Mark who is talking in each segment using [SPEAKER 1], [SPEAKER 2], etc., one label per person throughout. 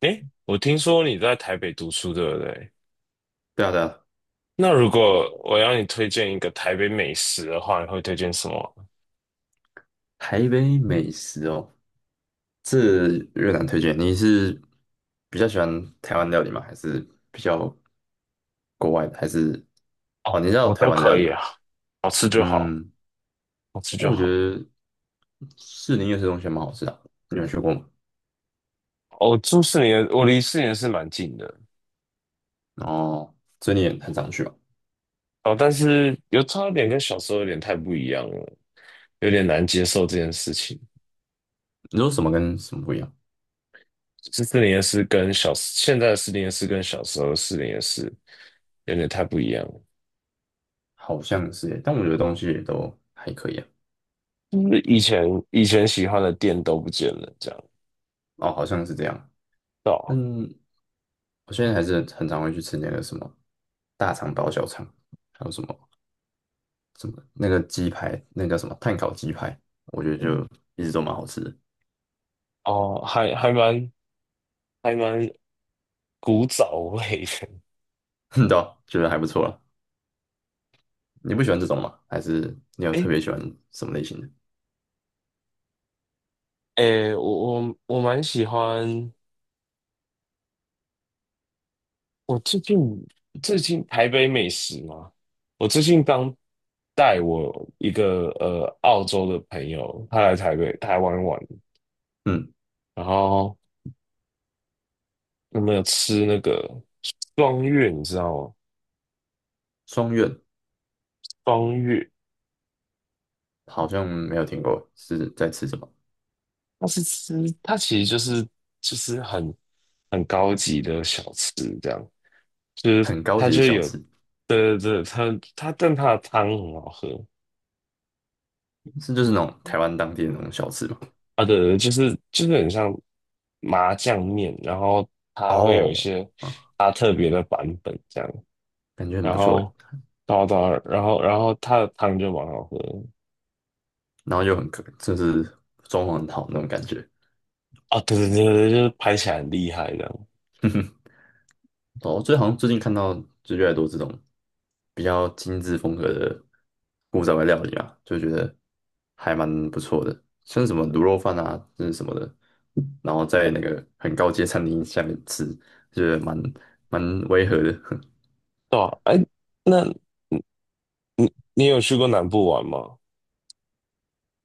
[SPEAKER 1] 诶，我听说你在台北读书，对不对？
[SPEAKER 2] 对啊对啊，
[SPEAKER 1] 那如果我要你推荐一个台北美食的话，你会推荐什么？
[SPEAKER 2] 台北美食哦，这越南推荐。你是比较喜欢台湾料理吗？还是比较国外的？还是哦，
[SPEAKER 1] 哦，
[SPEAKER 2] 你知道
[SPEAKER 1] 我
[SPEAKER 2] 台
[SPEAKER 1] 都
[SPEAKER 2] 湾的料
[SPEAKER 1] 可
[SPEAKER 2] 理
[SPEAKER 1] 以
[SPEAKER 2] 吗？
[SPEAKER 1] 啊，好吃就好，
[SPEAKER 2] 嗯，
[SPEAKER 1] 好吃就
[SPEAKER 2] 我觉
[SPEAKER 1] 好。
[SPEAKER 2] 得士林夜市东西还蛮好吃的啊，你有去过吗？
[SPEAKER 1] 哦，住四年，我离四年是蛮近的。
[SPEAKER 2] 哦，所以你也很常去吧？
[SPEAKER 1] 哦，但是有差点跟小时候有点太不一样了，有点难接受这件事情。
[SPEAKER 2] 你说什么跟什么不一样？
[SPEAKER 1] 是四年是跟小，现在的四年是跟小时候的四年是有点太不一样了。
[SPEAKER 2] 好像是耶，但我觉得东西也都还可以啊。
[SPEAKER 1] 就是以前喜欢的店都不见了，这样。
[SPEAKER 2] 哦，好像是这样。
[SPEAKER 1] 对啊。
[SPEAKER 2] 嗯，我现在还是很常会去吃那个什么大肠包小肠，还有什么。什么那个鸡排，那个什么碳烤鸡排，我觉得就一直都蛮好吃的，
[SPEAKER 1] 哦，还蛮古早味的。
[SPEAKER 2] 对啊觉得还不错了。你不喜欢这种吗？还是你有特
[SPEAKER 1] 诶
[SPEAKER 2] 别喜欢什么类型的？
[SPEAKER 1] 诶，我蛮喜欢。我最近最近台北美食嘛，我最近刚带我一个澳洲的朋友，他来台北台湾玩，
[SPEAKER 2] 嗯，
[SPEAKER 1] 然后有没有吃那个双月？你知道吗？
[SPEAKER 2] 双月
[SPEAKER 1] 双月，
[SPEAKER 2] 好像没有听过，是在吃什么？
[SPEAKER 1] 它是吃，它其实就是很高级的小吃这样。就是
[SPEAKER 2] 很高
[SPEAKER 1] 它
[SPEAKER 2] 级的
[SPEAKER 1] 就
[SPEAKER 2] 小
[SPEAKER 1] 有，
[SPEAKER 2] 吃，
[SPEAKER 1] 对对对，它它但它的汤很好喝。
[SPEAKER 2] 是就是那种台湾当地的那种小吃吗？
[SPEAKER 1] 啊，对对，就是很像麻酱面，然后它会有一
[SPEAKER 2] 哦，
[SPEAKER 1] 些
[SPEAKER 2] 啊，
[SPEAKER 1] 它特别的版本这样，
[SPEAKER 2] 感觉很
[SPEAKER 1] 然
[SPEAKER 2] 不错诶，
[SPEAKER 1] 后，然后它的汤就蛮好喝的。
[SPEAKER 2] 然后又很可，就是装潢很好那种感觉。
[SPEAKER 1] 啊，对对对对，就是拍起来很厉害这样，
[SPEAKER 2] 哦，最好像最近看到就越来越多这种比较精致风格的古早味料理啊，就觉得还蛮不错的，像是什么卤肉饭啊，这是什么的，然后在那个很高阶餐厅下面吃，就是蛮违和的。
[SPEAKER 1] 对啊，哎，那你有去过南部玩吗？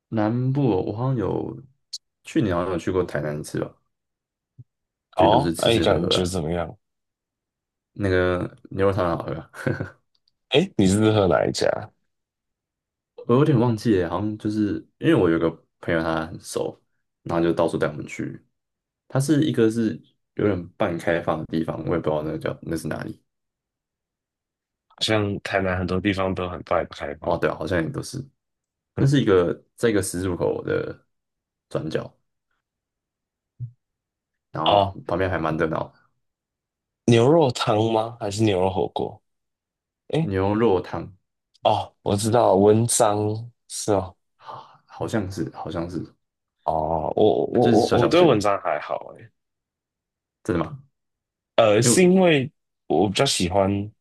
[SPEAKER 2] 南部哦，我好像有去年好像有去过台南吃次吧，就都
[SPEAKER 1] 哦，
[SPEAKER 2] 是吃
[SPEAKER 1] 哎，
[SPEAKER 2] 吃喝
[SPEAKER 1] 感
[SPEAKER 2] 喝
[SPEAKER 1] 觉
[SPEAKER 2] 啊，
[SPEAKER 1] 怎么样？
[SPEAKER 2] 那个牛肉汤很好喝啊。
[SPEAKER 1] 哎，你是喝哪一家？
[SPEAKER 2] 我有点忘记了，好像就是因为我有个朋友他很熟，然后就到处带我们去。它是一个是有点半开放的地方，我也不知道那个叫那是哪里。
[SPEAKER 1] 好像台南很多地方都很快开放。
[SPEAKER 2] 哦，对啊，好像也都是。那是一 个在一个十字路口的转角，然后
[SPEAKER 1] 哦，
[SPEAKER 2] 旁边还蛮热闹的。
[SPEAKER 1] 牛肉汤吗？还是牛肉火锅？诶，
[SPEAKER 2] 牛肉汤，
[SPEAKER 1] 哦，我知道，文章是哦，
[SPEAKER 2] 啊，好像是好像是，
[SPEAKER 1] 哦，我我
[SPEAKER 2] 就是
[SPEAKER 1] 我
[SPEAKER 2] 小
[SPEAKER 1] 我
[SPEAKER 2] 小
[SPEAKER 1] 对
[SPEAKER 2] 间
[SPEAKER 1] 文
[SPEAKER 2] 的。
[SPEAKER 1] 章还好诶，
[SPEAKER 2] 真的吗？因为
[SPEAKER 1] 是因为我比较喜欢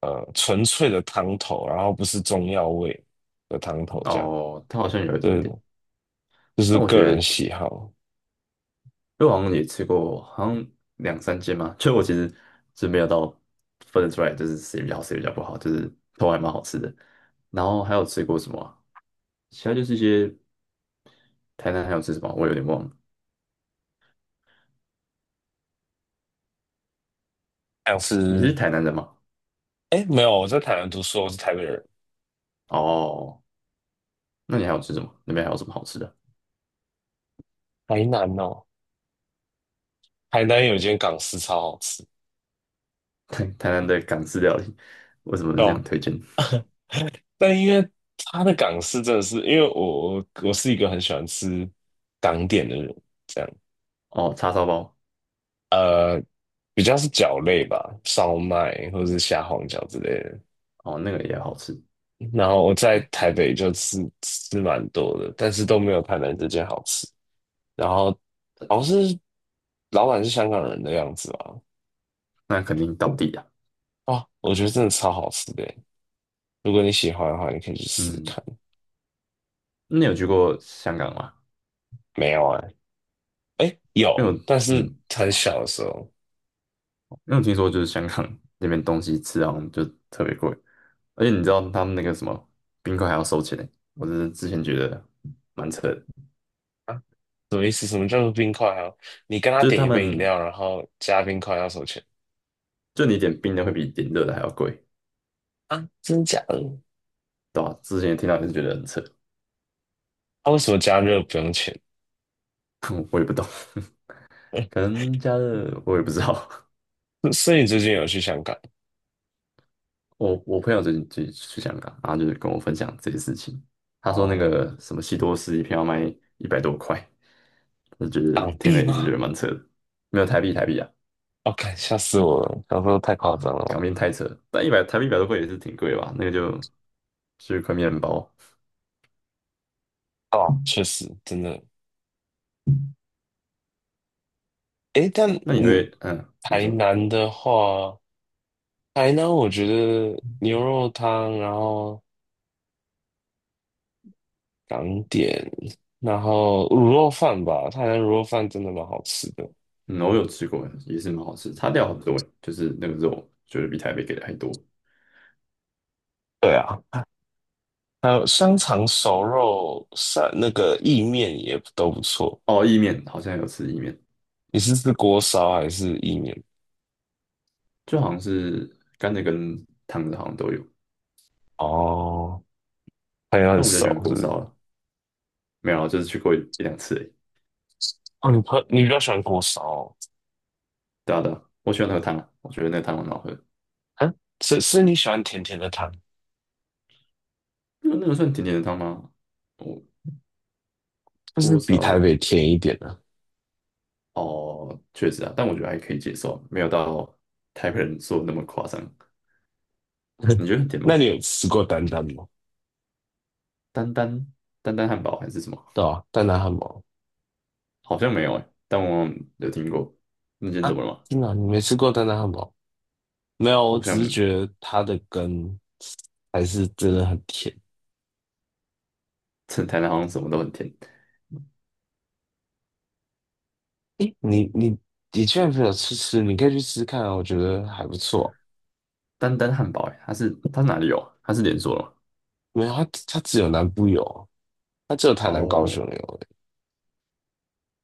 [SPEAKER 1] 纯粹的汤头，然后不是中药味的汤头这样，
[SPEAKER 2] 哦，它好像有一点
[SPEAKER 1] 对，
[SPEAKER 2] 点，
[SPEAKER 1] 就是
[SPEAKER 2] 但我
[SPEAKER 1] 个
[SPEAKER 2] 觉
[SPEAKER 1] 人
[SPEAKER 2] 得
[SPEAKER 1] 喜好。
[SPEAKER 2] 我好像也吃过，好像两三间嘛，就我其实是没有到分得出来，就是谁比较好谁比较不好，就是都还蛮好吃的。然后还有吃过什么啊，其他就是一些，台南还有吃什么，我有点忘了。
[SPEAKER 1] 像
[SPEAKER 2] 你是
[SPEAKER 1] 是
[SPEAKER 2] 台南人吗？
[SPEAKER 1] 诶，没有，我在台南读书，我是台北人，
[SPEAKER 2] 哦，那你还有吃什么？那边还有什么好吃的？
[SPEAKER 1] 台南哦，台南有一间港式超好吃，
[SPEAKER 2] 台台南的港式料理，为什么
[SPEAKER 1] 对
[SPEAKER 2] 是这样
[SPEAKER 1] 吧？
[SPEAKER 2] 推荐？
[SPEAKER 1] 但因为它的港式真的是，因为我是一个很喜欢吃港点的人，这样。
[SPEAKER 2] 哦，叉烧包。
[SPEAKER 1] 呃比较是饺类吧，烧麦或者是虾皇饺之类的。
[SPEAKER 2] 哦，那个也好吃。
[SPEAKER 1] 然后我在台北就吃吃蛮多的，但是都没有台南这间好吃。然后好像是老板是香港人的样子吧？
[SPEAKER 2] 那肯定道地啊。
[SPEAKER 1] 哦，我觉得真的超好吃的耶。如果你喜欢的话，你可以去试试
[SPEAKER 2] 嗯，
[SPEAKER 1] 看。
[SPEAKER 2] 那你有去过香港吗？
[SPEAKER 1] 没有啊，哎，
[SPEAKER 2] 因为
[SPEAKER 1] 有，
[SPEAKER 2] 我
[SPEAKER 1] 但是
[SPEAKER 2] 嗯，
[SPEAKER 1] 很小的时候。
[SPEAKER 2] 因为我听说就是香港那边东西吃好像就特别贵，而且你知道他们那个什么冰块还要收钱呢，我是之前觉得蛮扯的，
[SPEAKER 1] 啊，什么意思？什么叫做冰块啊？你跟他
[SPEAKER 2] 就是
[SPEAKER 1] 点
[SPEAKER 2] 他
[SPEAKER 1] 一杯饮
[SPEAKER 2] 们
[SPEAKER 1] 料，然后加冰块要收钱。
[SPEAKER 2] 就你点冰的会比点热的还要贵。
[SPEAKER 1] 啊？真假的？
[SPEAKER 2] 对啊，之前听到也是觉得很扯，
[SPEAKER 1] 他、为什么加热不用钱？
[SPEAKER 2] 我也不懂。可 能加热我也不知道。
[SPEAKER 1] 所以你最近有去香港？
[SPEAKER 2] 我朋友最近去香港，然后就是跟我分享这些事情，他说那
[SPEAKER 1] 哦，
[SPEAKER 2] 个什么西多士一片要卖一百多块，我觉得
[SPEAKER 1] 港
[SPEAKER 2] 听了
[SPEAKER 1] 币
[SPEAKER 2] 也是觉
[SPEAKER 1] 吗？
[SPEAKER 2] 得蛮扯的。没有，台币台币啊，
[SPEAKER 1] 哦，看吓死我了！想说太夸张了
[SPEAKER 2] 港
[SPEAKER 1] 吧？
[SPEAKER 2] 币太扯了，但一百台币一百多块也是挺贵的吧？那个就就是块面包。
[SPEAKER 1] 哦，确实，真的。诶，但
[SPEAKER 2] 那你
[SPEAKER 1] 你
[SPEAKER 2] 会嗯，你
[SPEAKER 1] 台
[SPEAKER 2] 说
[SPEAKER 1] 南的话，台南我觉得牛肉汤，然后港点，然后卤肉饭吧，台南卤肉饭真的蛮好吃的。
[SPEAKER 2] 嗯，我有吃过，也是蛮好吃，差料很多欸，就是那个肉觉得比台北给的还多。
[SPEAKER 1] 对啊。还有香肠、熟肉、散那个意面也都不错。
[SPEAKER 2] 哦，意面好像有吃意面。
[SPEAKER 1] 你是吃锅烧还是意面？
[SPEAKER 2] 就好像是干的跟烫的好像都有，
[SPEAKER 1] 哦，朋友很
[SPEAKER 2] 但我比较喜欢
[SPEAKER 1] 熟是
[SPEAKER 2] 锅
[SPEAKER 1] 不是？
[SPEAKER 2] 烧了。没有啊，就是去过一两次而已。
[SPEAKER 1] 哦，你比较喜欢锅烧哦？
[SPEAKER 2] 对啊对啊，我喜欢喝汤啊，我觉得那个汤很好喝。
[SPEAKER 1] 啊，是。是你喜欢甜甜的汤，
[SPEAKER 2] 那个那个算甜甜的汤吗？我
[SPEAKER 1] 就是
[SPEAKER 2] 锅
[SPEAKER 1] 比
[SPEAKER 2] 烧
[SPEAKER 1] 台北甜一点的、
[SPEAKER 2] 哦，确实啊，但我觉得还可以接受，没有到台北人说的那么夸张。你觉得很甜
[SPEAKER 1] 那
[SPEAKER 2] 吗？
[SPEAKER 1] 你有吃过丹丹吗？
[SPEAKER 2] 丹丹，丹丹汉堡还是什么？
[SPEAKER 1] 对啊，丹丹汉堡。
[SPEAKER 2] 好像没有哎、但我有听过。那间怎
[SPEAKER 1] 啊，
[SPEAKER 2] 么了吗？
[SPEAKER 1] 真的啊你没吃过丹丹汉堡？没有，我
[SPEAKER 2] 好
[SPEAKER 1] 只是
[SPEAKER 2] 像
[SPEAKER 1] 觉得它的根还是真的很甜。
[SPEAKER 2] 趁台南好像什么都很甜。
[SPEAKER 1] 诶，你居然没有吃，你可以去吃看啊，我觉得还不错。
[SPEAKER 2] 丹丹汉堡哎、它是它是哪里有啊？它是连锁的吗？
[SPEAKER 1] 没有，他只有南部有，他只有台南、高
[SPEAKER 2] 哦，
[SPEAKER 1] 雄有，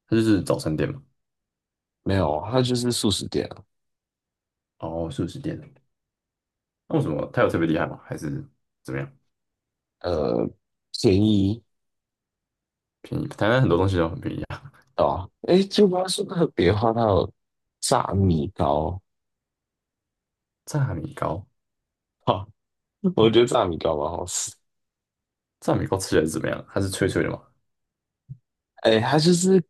[SPEAKER 2] 它就是早餐店嘛。
[SPEAKER 1] 没有，他就是素食店啊。
[SPEAKER 2] 哦，素食店。那为什么它有特别厉害吗？还是怎么样？
[SPEAKER 1] 呃，便宜。
[SPEAKER 2] 便宜？台南很多东西都很便宜啊。
[SPEAKER 1] 哦，哎，就不要说特别的话，它有炸米糕，
[SPEAKER 2] 炸米糕，
[SPEAKER 1] 哈、我觉得炸米糕蛮好吃，
[SPEAKER 2] 炸米糕吃起来是怎么样？它是脆脆的嘛，
[SPEAKER 1] 哎，它就是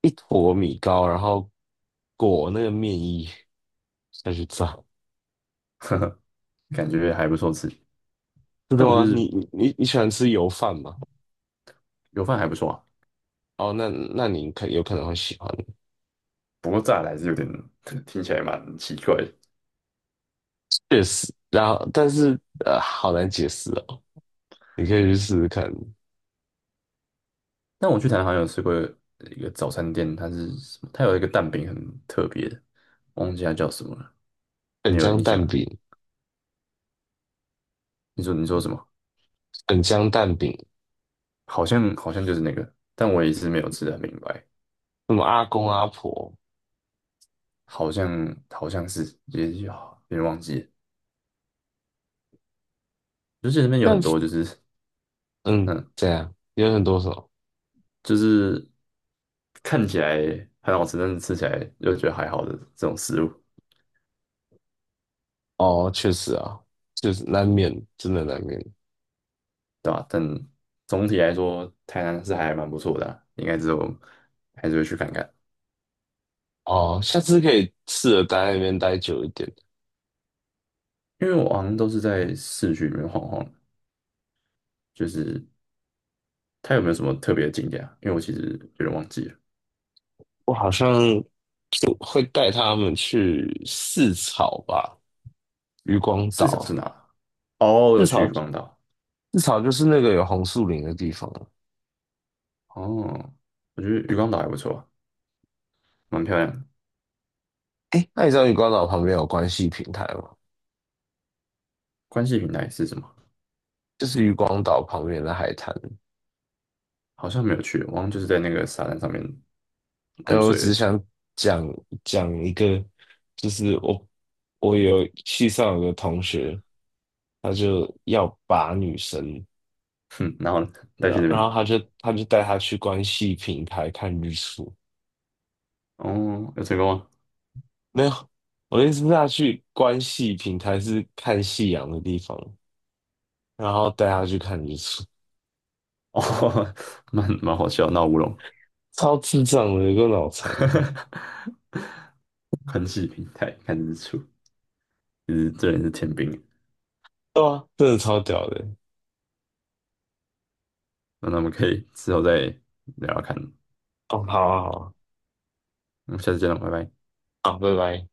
[SPEAKER 1] 一坨米糕，然后裹那个面衣再去炸，
[SPEAKER 2] 感觉还不错吃。
[SPEAKER 1] 真的
[SPEAKER 2] 但我就
[SPEAKER 1] 吗？你
[SPEAKER 2] 是
[SPEAKER 1] 你你你喜欢吃油饭吗？
[SPEAKER 2] 油饭还不错啊，
[SPEAKER 1] 哦，那那你可有可能会喜欢，
[SPEAKER 2] 不过炸的还是有点 听起来蛮奇怪的。
[SPEAKER 1] 确实，然后但是好难解释哦，你可以去试试看。
[SPEAKER 2] 但我去台南好像有吃过一个早餐店，它是什么？它有一个蛋饼很特别的，忘记它叫什么了。你
[SPEAKER 1] 粉
[SPEAKER 2] 有
[SPEAKER 1] 浆
[SPEAKER 2] 印象？
[SPEAKER 1] 蛋饼、
[SPEAKER 2] 你说你说什么？
[SPEAKER 1] 粉浆蛋饼，
[SPEAKER 2] 好像好像就是那个，但我也是没有吃的很明白。
[SPEAKER 1] 什么阿公阿婆，
[SPEAKER 2] 好像好像是也有，有点忘记了，就记得那边有很
[SPEAKER 1] 但
[SPEAKER 2] 多就是
[SPEAKER 1] 嗯，
[SPEAKER 2] 嗯，
[SPEAKER 1] 这样有很多种。
[SPEAKER 2] 就是看起来很好吃，但是吃起来又觉得还好的这种食物，
[SPEAKER 1] 哦，确实啊，就是难免，真的难免。
[SPEAKER 2] 对吧？但总体来说，台南是还蛮不错的啊，应该之后还是会去看看，
[SPEAKER 1] 哦。下次可以试着待在那边待久一点。
[SPEAKER 2] 因为我好像都是在市区里面晃晃，就是它有没有什么特别的景点啊？因为我其实有点忘记了。
[SPEAKER 1] 我好像就会带他们去四草吧，渔光
[SPEAKER 2] 四
[SPEAKER 1] 岛。
[SPEAKER 2] 少是哪？哦，
[SPEAKER 1] 四
[SPEAKER 2] 有去渔
[SPEAKER 1] 草，
[SPEAKER 2] 光岛。
[SPEAKER 1] 四草就是那个有红树林的地方啊。
[SPEAKER 2] 哦，我觉得渔光岛还不错啊，蛮漂亮的。
[SPEAKER 1] 哎，那你知道渔光岛旁边有关系平台吗？
[SPEAKER 2] 关系平台是什么？
[SPEAKER 1] 就是渔光岛旁边的海滩。
[SPEAKER 2] 好像没有去，我好像就是在那个沙滩上面
[SPEAKER 1] 哎，
[SPEAKER 2] 玩
[SPEAKER 1] 我
[SPEAKER 2] 水而
[SPEAKER 1] 只
[SPEAKER 2] 已。
[SPEAKER 1] 想讲讲一个，就是我系上有个同学，他就要把女生，
[SPEAKER 2] 哼，然后呢带
[SPEAKER 1] 然
[SPEAKER 2] 去
[SPEAKER 1] 后
[SPEAKER 2] 那边，
[SPEAKER 1] 他就带她去关系平台看日出，
[SPEAKER 2] 哦，有成功吗？
[SPEAKER 1] 没有，我的意思是他去关系平台是看夕阳的地方，然后带她去看日出，
[SPEAKER 2] 哦，蛮蛮好笑，闹乌龙。
[SPEAKER 1] 超智障的，有个脑残，
[SPEAKER 2] 宽气平台看日出，其实这人是天兵欸。
[SPEAKER 1] 对啊，真的超屌的。
[SPEAKER 2] 那我们可以之后再聊聊看，
[SPEAKER 1] 哦，好啊，好
[SPEAKER 2] 嗯，下次见了，拜拜。
[SPEAKER 1] 啊，好，拜拜。